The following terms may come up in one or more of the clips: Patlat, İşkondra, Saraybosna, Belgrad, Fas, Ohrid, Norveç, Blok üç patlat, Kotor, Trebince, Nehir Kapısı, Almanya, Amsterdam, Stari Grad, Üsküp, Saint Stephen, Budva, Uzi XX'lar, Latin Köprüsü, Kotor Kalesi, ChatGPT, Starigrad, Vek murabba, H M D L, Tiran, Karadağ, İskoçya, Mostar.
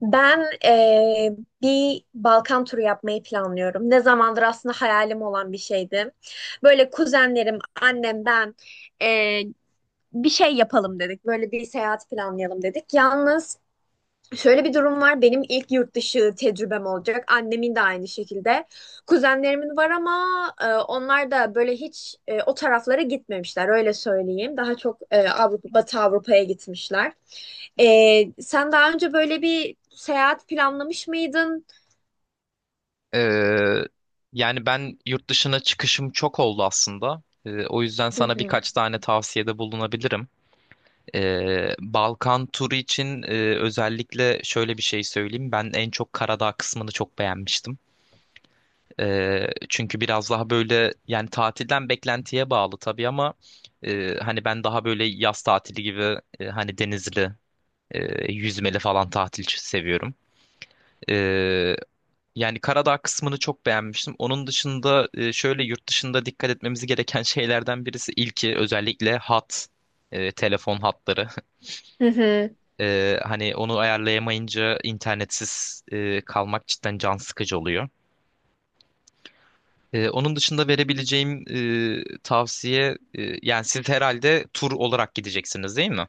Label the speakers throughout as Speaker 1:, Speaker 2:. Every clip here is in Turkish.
Speaker 1: Ben bir Balkan turu yapmayı planlıyorum. Ne zamandır aslında hayalim olan bir şeydi. Böyle kuzenlerim, annem, ben eee, bir şey yapalım dedik. Böyle bir seyahat planlayalım dedik. Yalnız şöyle bir durum var. Benim ilk yurt dışı tecrübem olacak. Annemin de aynı şekilde. Kuzenlerimin var ama onlar da böyle hiç o taraflara gitmemişler. Öyle söyleyeyim. Daha çok Avrupa, Batı Avrupa'ya gitmişler. E, Sen daha önce böyle bir seyahat planlamış mıydın?
Speaker 2: Ee, Yani ben yurt dışına çıkışım çok oldu aslında. O yüzden
Speaker 1: Hı
Speaker 2: sana
Speaker 1: hı.
Speaker 2: birkaç tane tavsiyede bulunabilirim. Balkan turu için özellikle şöyle bir şey söyleyeyim. Ben en çok Karadağ kısmını çok beğenmiştim. Çünkü biraz daha böyle yani tatilden beklentiye bağlı tabii ama hani ben daha böyle yaz tatili gibi hani denizli, yüzmeli falan tatil seviyorum. Yani Karadağ kısmını çok beğenmiştim. Onun dışında şöyle yurt dışında dikkat etmemiz gereken şeylerden birisi ilki özellikle telefon hatları.
Speaker 1: Hı hı.
Speaker 2: Hani onu ayarlayamayınca internetsiz kalmak cidden can sıkıcı oluyor. Onun dışında verebileceğim tavsiye yani siz herhalde tur olarak gideceksiniz, değil mi?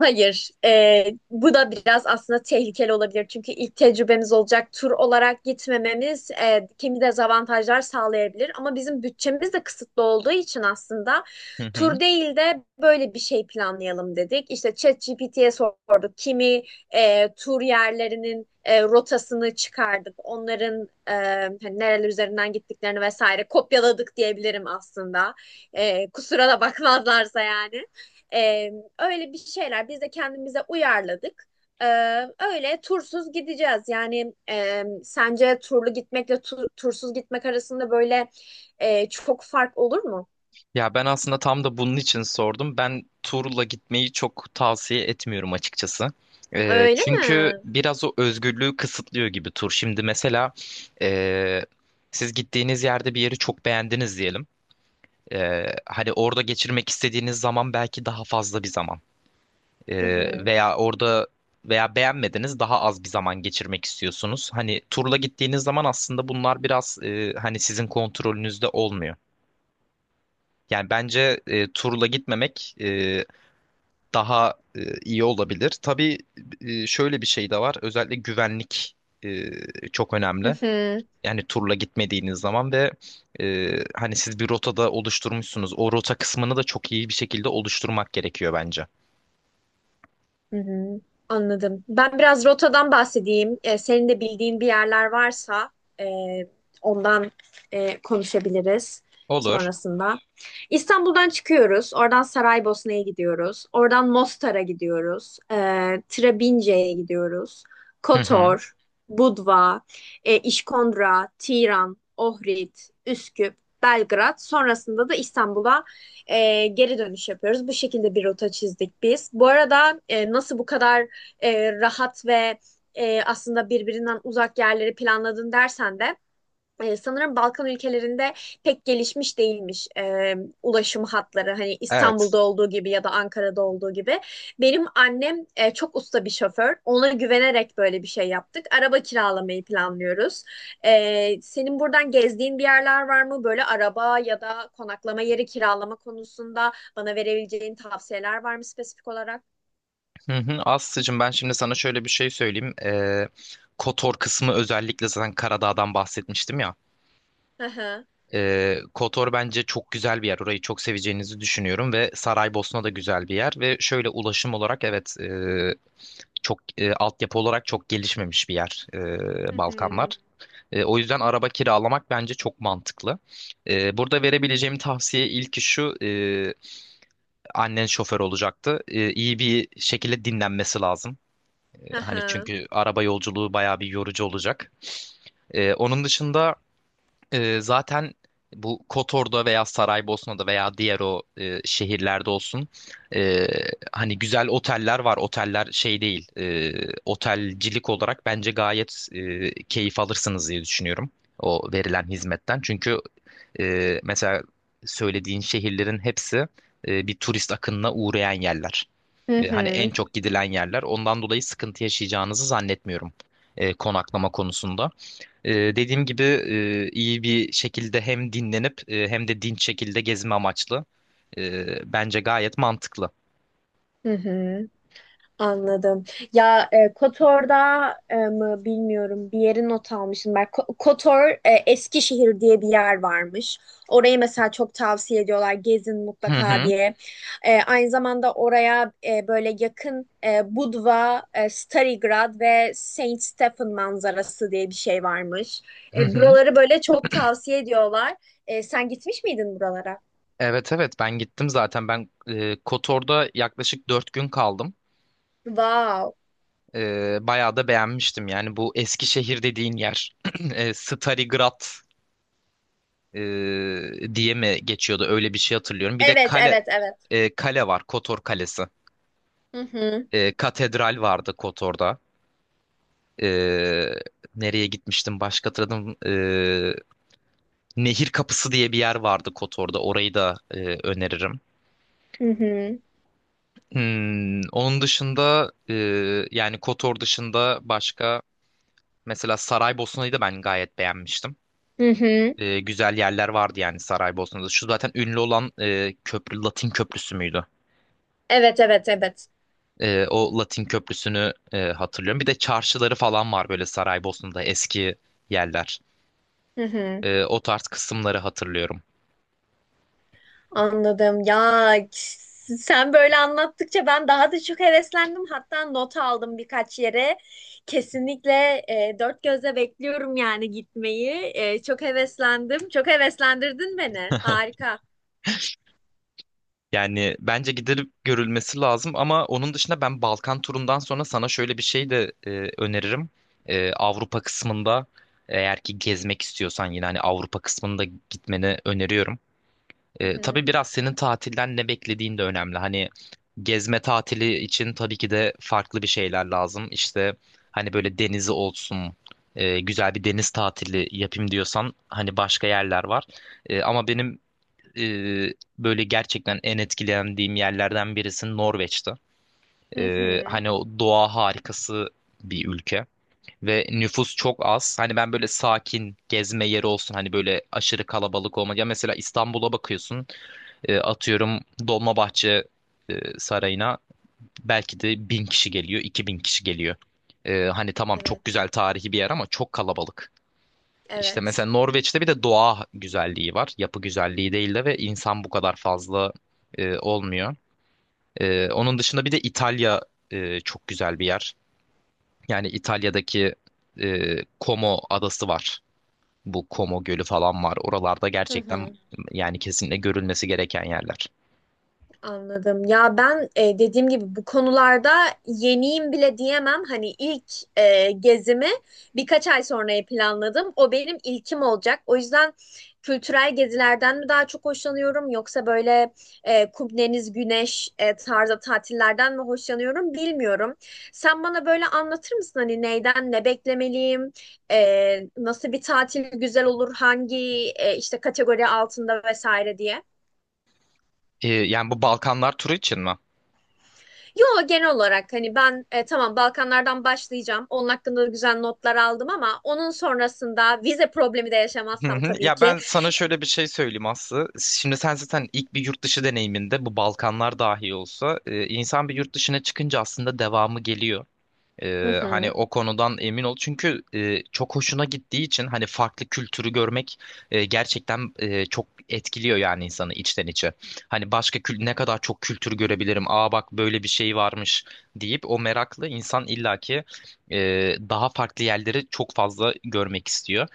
Speaker 1: Hayır, bu da biraz aslında tehlikeli olabilir. Çünkü ilk tecrübemiz olacak tur olarak gitmememiz kimi dezavantajlar sağlayabilir. Ama bizim bütçemiz de kısıtlı olduğu için aslında
Speaker 2: Hı hı.
Speaker 1: tur değil de böyle bir şey planlayalım dedik. İşte ChatGPT'ye sorduk. Kimi tur yerlerinin rotasını çıkardık. Onların hani nereler üzerinden gittiklerini vesaire kopyaladık diyebilirim aslında. Kusura da bakmazlarsa yani. E, Öyle bir şeyler biz de kendimize uyarladık. Ee, Öyle tursuz gideceğiz. Yani sence turlu gitmekle tursuz gitmek arasında böyle çok fark olur mu?
Speaker 2: Ya ben aslında tam da bunun için sordum. Ben turla gitmeyi çok tavsiye etmiyorum açıkçası.
Speaker 1: Öyle
Speaker 2: Çünkü
Speaker 1: mi?
Speaker 2: biraz o özgürlüğü kısıtlıyor gibi tur. Şimdi mesela ee, siz gittiğiniz yerde bir yeri çok beğendiniz diyelim. Hani orada geçirmek istediğiniz zaman belki daha fazla bir zaman.
Speaker 1: Hı hı.
Speaker 2: Veya orada veya beğenmediniz daha az bir zaman geçirmek istiyorsunuz. Hani turla gittiğiniz zaman aslında bunlar biraz hani sizin kontrolünüzde olmuyor. Yani bence turla gitmemek daha iyi olabilir. Tabii şöyle bir şey de var. Özellikle güvenlik e, çok
Speaker 1: Hı
Speaker 2: önemli.
Speaker 1: hı.
Speaker 2: Yani turla gitmediğiniz zaman ve hani siz bir rotada oluşturmuşsunuz. O rota kısmını da çok iyi bir şekilde oluşturmak gerekiyor bence.
Speaker 1: Hı hı, anladım. Ben biraz rotadan bahsedeyim. Senin de bildiğin bir yerler varsa e, ondan konuşabiliriz
Speaker 2: Olur.
Speaker 1: sonrasında. İstanbul'dan çıkıyoruz. Oradan Saraybosna'ya gidiyoruz. Oradan Mostar'a gidiyoruz. Trebince'ye gidiyoruz.
Speaker 2: Hı hı.
Speaker 1: Kotor, Budva, İşkondra, Tiran, Ohrid, Üsküp, Belgrad. Sonrasında da İstanbul'a geri dönüş yapıyoruz. Bu şekilde bir rota çizdik biz. Bu arada nasıl bu kadar rahat ve aslında birbirinden uzak yerleri planladın dersen de sanırım Balkan ülkelerinde pek gelişmiş değilmiş ulaşım hatları. Hani
Speaker 2: Evet.
Speaker 1: İstanbul'da olduğu gibi ya da Ankara'da olduğu gibi. Benim annem çok usta bir şoför. Ona güvenerek böyle bir şey yaptık. Araba kiralamayı planlıyoruz. Senin buradan gezdiğin bir yerler var mı? Böyle araba ya da konaklama yeri kiralama konusunda bana verebileceğin tavsiyeler var mı spesifik olarak?
Speaker 2: Hı hı. Aslı'cığım, ben şimdi sana şöyle bir şey söyleyeyim. Kotor kısmı özellikle zaten Karadağ'dan bahsetmiştim ya.
Speaker 1: Hı hı.
Speaker 2: Kotor bence çok güzel bir yer. Orayı çok seveceğinizi düşünüyorum ve Saraybosna da güzel bir yer ve şöyle ulaşım olarak evet çok altyapı olarak çok gelişmemiş bir yer
Speaker 1: Hı
Speaker 2: Balkanlar.
Speaker 1: hı.
Speaker 2: O yüzden araba kiralamak bence çok mantıklı. Burada verebileceğim tavsiye ilki şu, annen şoför olacaktı. İyi bir şekilde dinlenmesi lazım.
Speaker 1: Hı
Speaker 2: Hani
Speaker 1: hı.
Speaker 2: çünkü araba yolculuğu bayağı bir yorucu olacak. Onun dışında. Zaten bu Kotor'da veya Saraybosna'da veya diğer o şehirlerde olsun, e, hani güzel oteller var. Oteller şey değil, otelcilik olarak bence gayet keyif alırsınız diye düşünüyorum o verilen hizmetten. Çünkü mesela söylediğin şehirlerin hepsi bir turist akınına uğrayan yerler.
Speaker 1: Hı
Speaker 2: Hani
Speaker 1: hı.
Speaker 2: en çok gidilen yerler. Ondan dolayı sıkıntı yaşayacağınızı zannetmiyorum konaklama konusunda. Dediğim gibi iyi bir şekilde hem dinlenip hem de dinç şekilde gezme amaçlı. Bence gayet mantıklı.
Speaker 1: Hı hı. Anladım. Ya KOTOR'da mı bilmiyorum bir yeri not almışım. Ben KOTOR Eskişehir diye bir yer varmış. Orayı mesela çok tavsiye ediyorlar gezin
Speaker 2: Hı
Speaker 1: mutlaka
Speaker 2: hı.
Speaker 1: diye. Aynı zamanda oraya böyle yakın Budva, Starigrad ve Saint Stephen manzarası diye bir şey varmış.
Speaker 2: Hı hı.
Speaker 1: Buraları böyle çok tavsiye ediyorlar. Sen gitmiş miydin buralara?
Speaker 2: Evet, evet, ben gittim zaten. Ben Kotor'da yaklaşık 4 gün kaldım.
Speaker 1: Wow.
Speaker 2: Bayağı da beğenmiştim. Yani bu Eskişehir dediğin yer. Stari Grad e, diye mi geçiyordu? Öyle bir şey hatırlıyorum. Bir de
Speaker 1: Evet, evet, evet.
Speaker 2: kale var. Kotor Kalesi.
Speaker 1: Hı hı.
Speaker 2: Katedral vardı Kotor'da. Ee, Nereye gitmiştim başka hatırladım. Nehir Kapısı diye bir yer vardı Kotor'da. Orayı da öneririm.
Speaker 1: Hı hı.
Speaker 2: Onun dışında yani Kotor dışında başka mesela Saraybosna'yı da ben gayet beğenmiştim.
Speaker 1: Hı hı.
Speaker 2: Güzel yerler vardı yani Saraybosna'da. Şu zaten ünlü olan köprü Latin Köprüsü müydü?
Speaker 1: Evet, evet, evet.
Speaker 2: O Latin Köprüsü'nü hatırlıyorum. Bir de çarşıları falan var böyle Saraybosna'da eski yerler.
Speaker 1: Hı hı.
Speaker 2: O tarz kısımları hatırlıyorum.
Speaker 1: Anladım. Ya k- sen böyle anlattıkça ben daha da çok heveslendim. Hatta not aldım birkaç yere. Kesinlikle dört gözle bekliyorum yani gitmeyi. Çok heveslendim. Çok heveslendirdin beni. Harika.
Speaker 2: Yani bence gidilip görülmesi lazım, ama onun dışında ben Balkan turundan sonra sana şöyle bir şey de öneririm. Avrupa kısmında eğer ki gezmek istiyorsan yine hani Avrupa kısmında gitmeni öneriyorum.
Speaker 1: Hı hı.
Speaker 2: Tabii biraz senin tatilden ne beklediğin de önemli. Hani gezme tatili için tabii ki de farklı bir şeyler lazım. İşte hani böyle denizi olsun, güzel bir deniz tatili yapayım diyorsan hani başka yerler var. Ama benim e, böyle gerçekten en etkilendiğim yerlerden birisi Norveç'ti.
Speaker 1: Hı hı.
Speaker 2: Hani o doğa harikası bir ülke ve nüfus çok az. Hani ben böyle sakin gezme yeri olsun, hani böyle aşırı kalabalık olmadı. Ya mesela İstanbul'a bakıyorsun, atıyorum Dolmabahçe Sarayı'na belki de 1.000 kişi geliyor, 2.000 kişi geliyor. Hani tamam
Speaker 1: Evet.
Speaker 2: çok güzel tarihi bir yer ama çok kalabalık. İşte
Speaker 1: Evet.
Speaker 2: mesela Norveç'te bir de doğa güzelliği var. Yapı güzelliği değil de ve insan bu kadar fazla olmuyor. Onun dışında bir de İtalya çok güzel bir yer. Yani İtalya'daki Como adası var. Bu Como Gölü falan var. Oralarda
Speaker 1: Hı
Speaker 2: gerçekten
Speaker 1: hı.
Speaker 2: yani kesinlikle görülmesi gereken yerler.
Speaker 1: Anladım. Ya ben dediğim gibi bu konularda yeniyim bile diyemem. Hani ilk gezimi birkaç ay sonraya planladım. O benim ilkim olacak. O yüzden kültürel gezilerden mi daha çok hoşlanıyorum yoksa böyle kum, deniz, güneş tarzı tatillerden mi hoşlanıyorum bilmiyorum. Sen bana böyle anlatır mısın hani neyden ne beklemeliyim? Nasıl bir tatil güzel olur? Hangi işte kategori altında vesaire diye?
Speaker 2: Yani bu Balkanlar turu için mi?
Speaker 1: Yo genel olarak hani ben tamam Balkanlardan başlayacağım. Onun hakkında da güzel notlar aldım ama onun sonrasında vize problemi de
Speaker 2: Hı
Speaker 1: yaşamazsam
Speaker 2: hı.
Speaker 1: tabii
Speaker 2: Ya
Speaker 1: ki.
Speaker 2: ben sana şöyle bir şey söyleyeyim Aslı. Şimdi sen zaten ilk bir yurt dışı deneyiminde bu Balkanlar dahi olsa insan bir yurt dışına çıkınca aslında devamı geliyor.
Speaker 1: Hı
Speaker 2: Hani
Speaker 1: hı.
Speaker 2: o konudan emin ol. Çünkü çok hoşuna gittiği için hani farklı kültürü görmek gerçekten çok etkiliyor yani insanı içten içe. Hani başka ne kadar çok kültür görebilirim. Aa bak böyle bir şey varmış deyip o meraklı insan illaki daha farklı yerleri çok fazla görmek istiyor.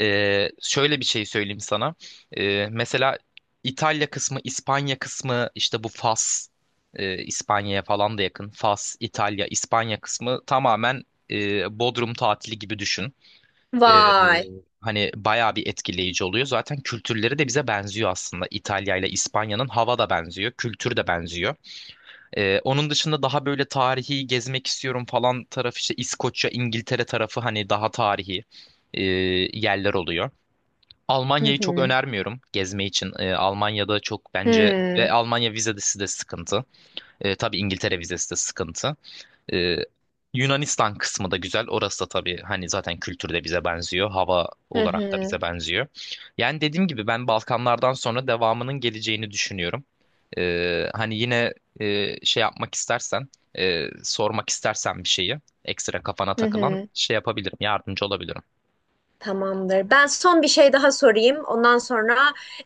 Speaker 2: Şöyle bir şey söyleyeyim sana. Mesela İtalya kısmı, İspanya kısmı, işte bu Fas, İspanya'ya falan da yakın. Fas, İtalya, İspanya kısmı tamamen Bodrum tatili gibi düşün. Ee, e,
Speaker 1: Vay.
Speaker 2: Hani bayağı bir etkileyici oluyor. Zaten kültürleri de bize benziyor aslında. İtalya ile İspanya'nın hava da benziyor, kültür de benziyor. Onun dışında daha böyle tarihi gezmek istiyorum falan tarafı işte İskoçya, İngiltere tarafı hani daha tarihi e, yerler oluyor.
Speaker 1: Hı
Speaker 2: Almanya'yı çok
Speaker 1: hı.
Speaker 2: önermiyorum gezme için. Almanya'da çok
Speaker 1: Hı
Speaker 2: bence ve
Speaker 1: hı.
Speaker 2: Almanya vizesi de sıkıntı. Tabii İngiltere vizesi de sıkıntı. Ee, Yunanistan kısmı da güzel. Orası da tabii hani zaten kültürde bize benziyor. Hava
Speaker 1: Hı
Speaker 2: olarak da
Speaker 1: hı.
Speaker 2: bize benziyor. Yani dediğim gibi ben Balkanlardan sonra devamının geleceğini düşünüyorum. Hani yine şey yapmak istersen, sormak istersen bir şeyi, ekstra kafana
Speaker 1: Hı
Speaker 2: takılan
Speaker 1: hı.
Speaker 2: şey yapabilirim, yardımcı olabilirim.
Speaker 1: Tamamdır. Ben son bir şey daha sorayım. Ondan sonra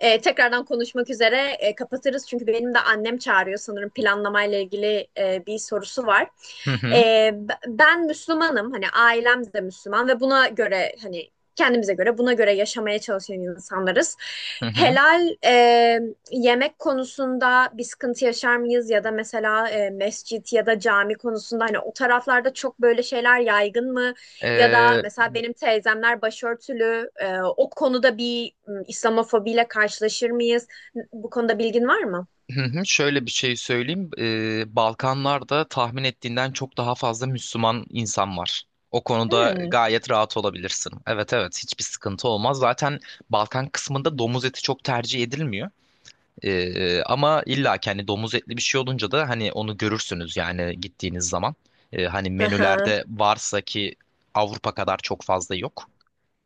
Speaker 1: tekrardan konuşmak üzere kapatırız. Çünkü benim de annem çağırıyor sanırım planlamayla ilgili bir sorusu var.
Speaker 2: Hı hı,
Speaker 1: Ben Müslümanım. Hani ailem de Müslüman ve buna göre hani kendimize göre buna göre yaşamaya çalışan insanlarız.
Speaker 2: hı hı.
Speaker 1: Helal yemek konusunda bir sıkıntı yaşar mıyız? Ya da mesela mescit ya da cami konusunda hani o taraflarda çok böyle şeyler yaygın mı? Ya da
Speaker 2: Ee,
Speaker 1: mesela benim teyzemler başörtülü. O konuda İslamofobiyle karşılaşır mıyız? Bu konuda bilgin var mı?
Speaker 2: Hı hı. Şöyle bir şey söyleyeyim. Balkanlarda tahmin ettiğinden çok daha fazla Müslüman insan var. O konuda
Speaker 1: Hmm.
Speaker 2: gayet rahat olabilirsin. Evet, evet, hiçbir sıkıntı olmaz. Zaten Balkan kısmında domuz eti çok tercih edilmiyor. Ama illa ki hani domuz etli bir şey olunca da hani onu görürsünüz yani gittiğiniz zaman. Hani
Speaker 1: Aha.
Speaker 2: menülerde varsa ki Avrupa kadar çok fazla yok.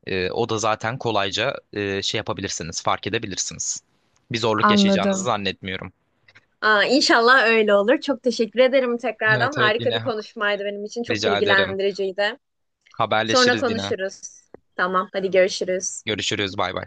Speaker 2: O da zaten kolayca şey yapabilirsiniz, fark edebilirsiniz. Bir zorluk yaşayacağınızı
Speaker 1: Anladım.
Speaker 2: zannetmiyorum.
Speaker 1: Aa, inşallah öyle olur. Çok teşekkür ederim tekrardan.
Speaker 2: Evet, evet,
Speaker 1: Harika bir
Speaker 2: yine
Speaker 1: konuşmaydı benim için. Çok
Speaker 2: rica ederim.
Speaker 1: bilgilendiriciydi. Sonra
Speaker 2: Haberleşiriz yine.
Speaker 1: konuşuruz. Tamam, hadi görüşürüz.
Speaker 2: Görüşürüz, bay bay.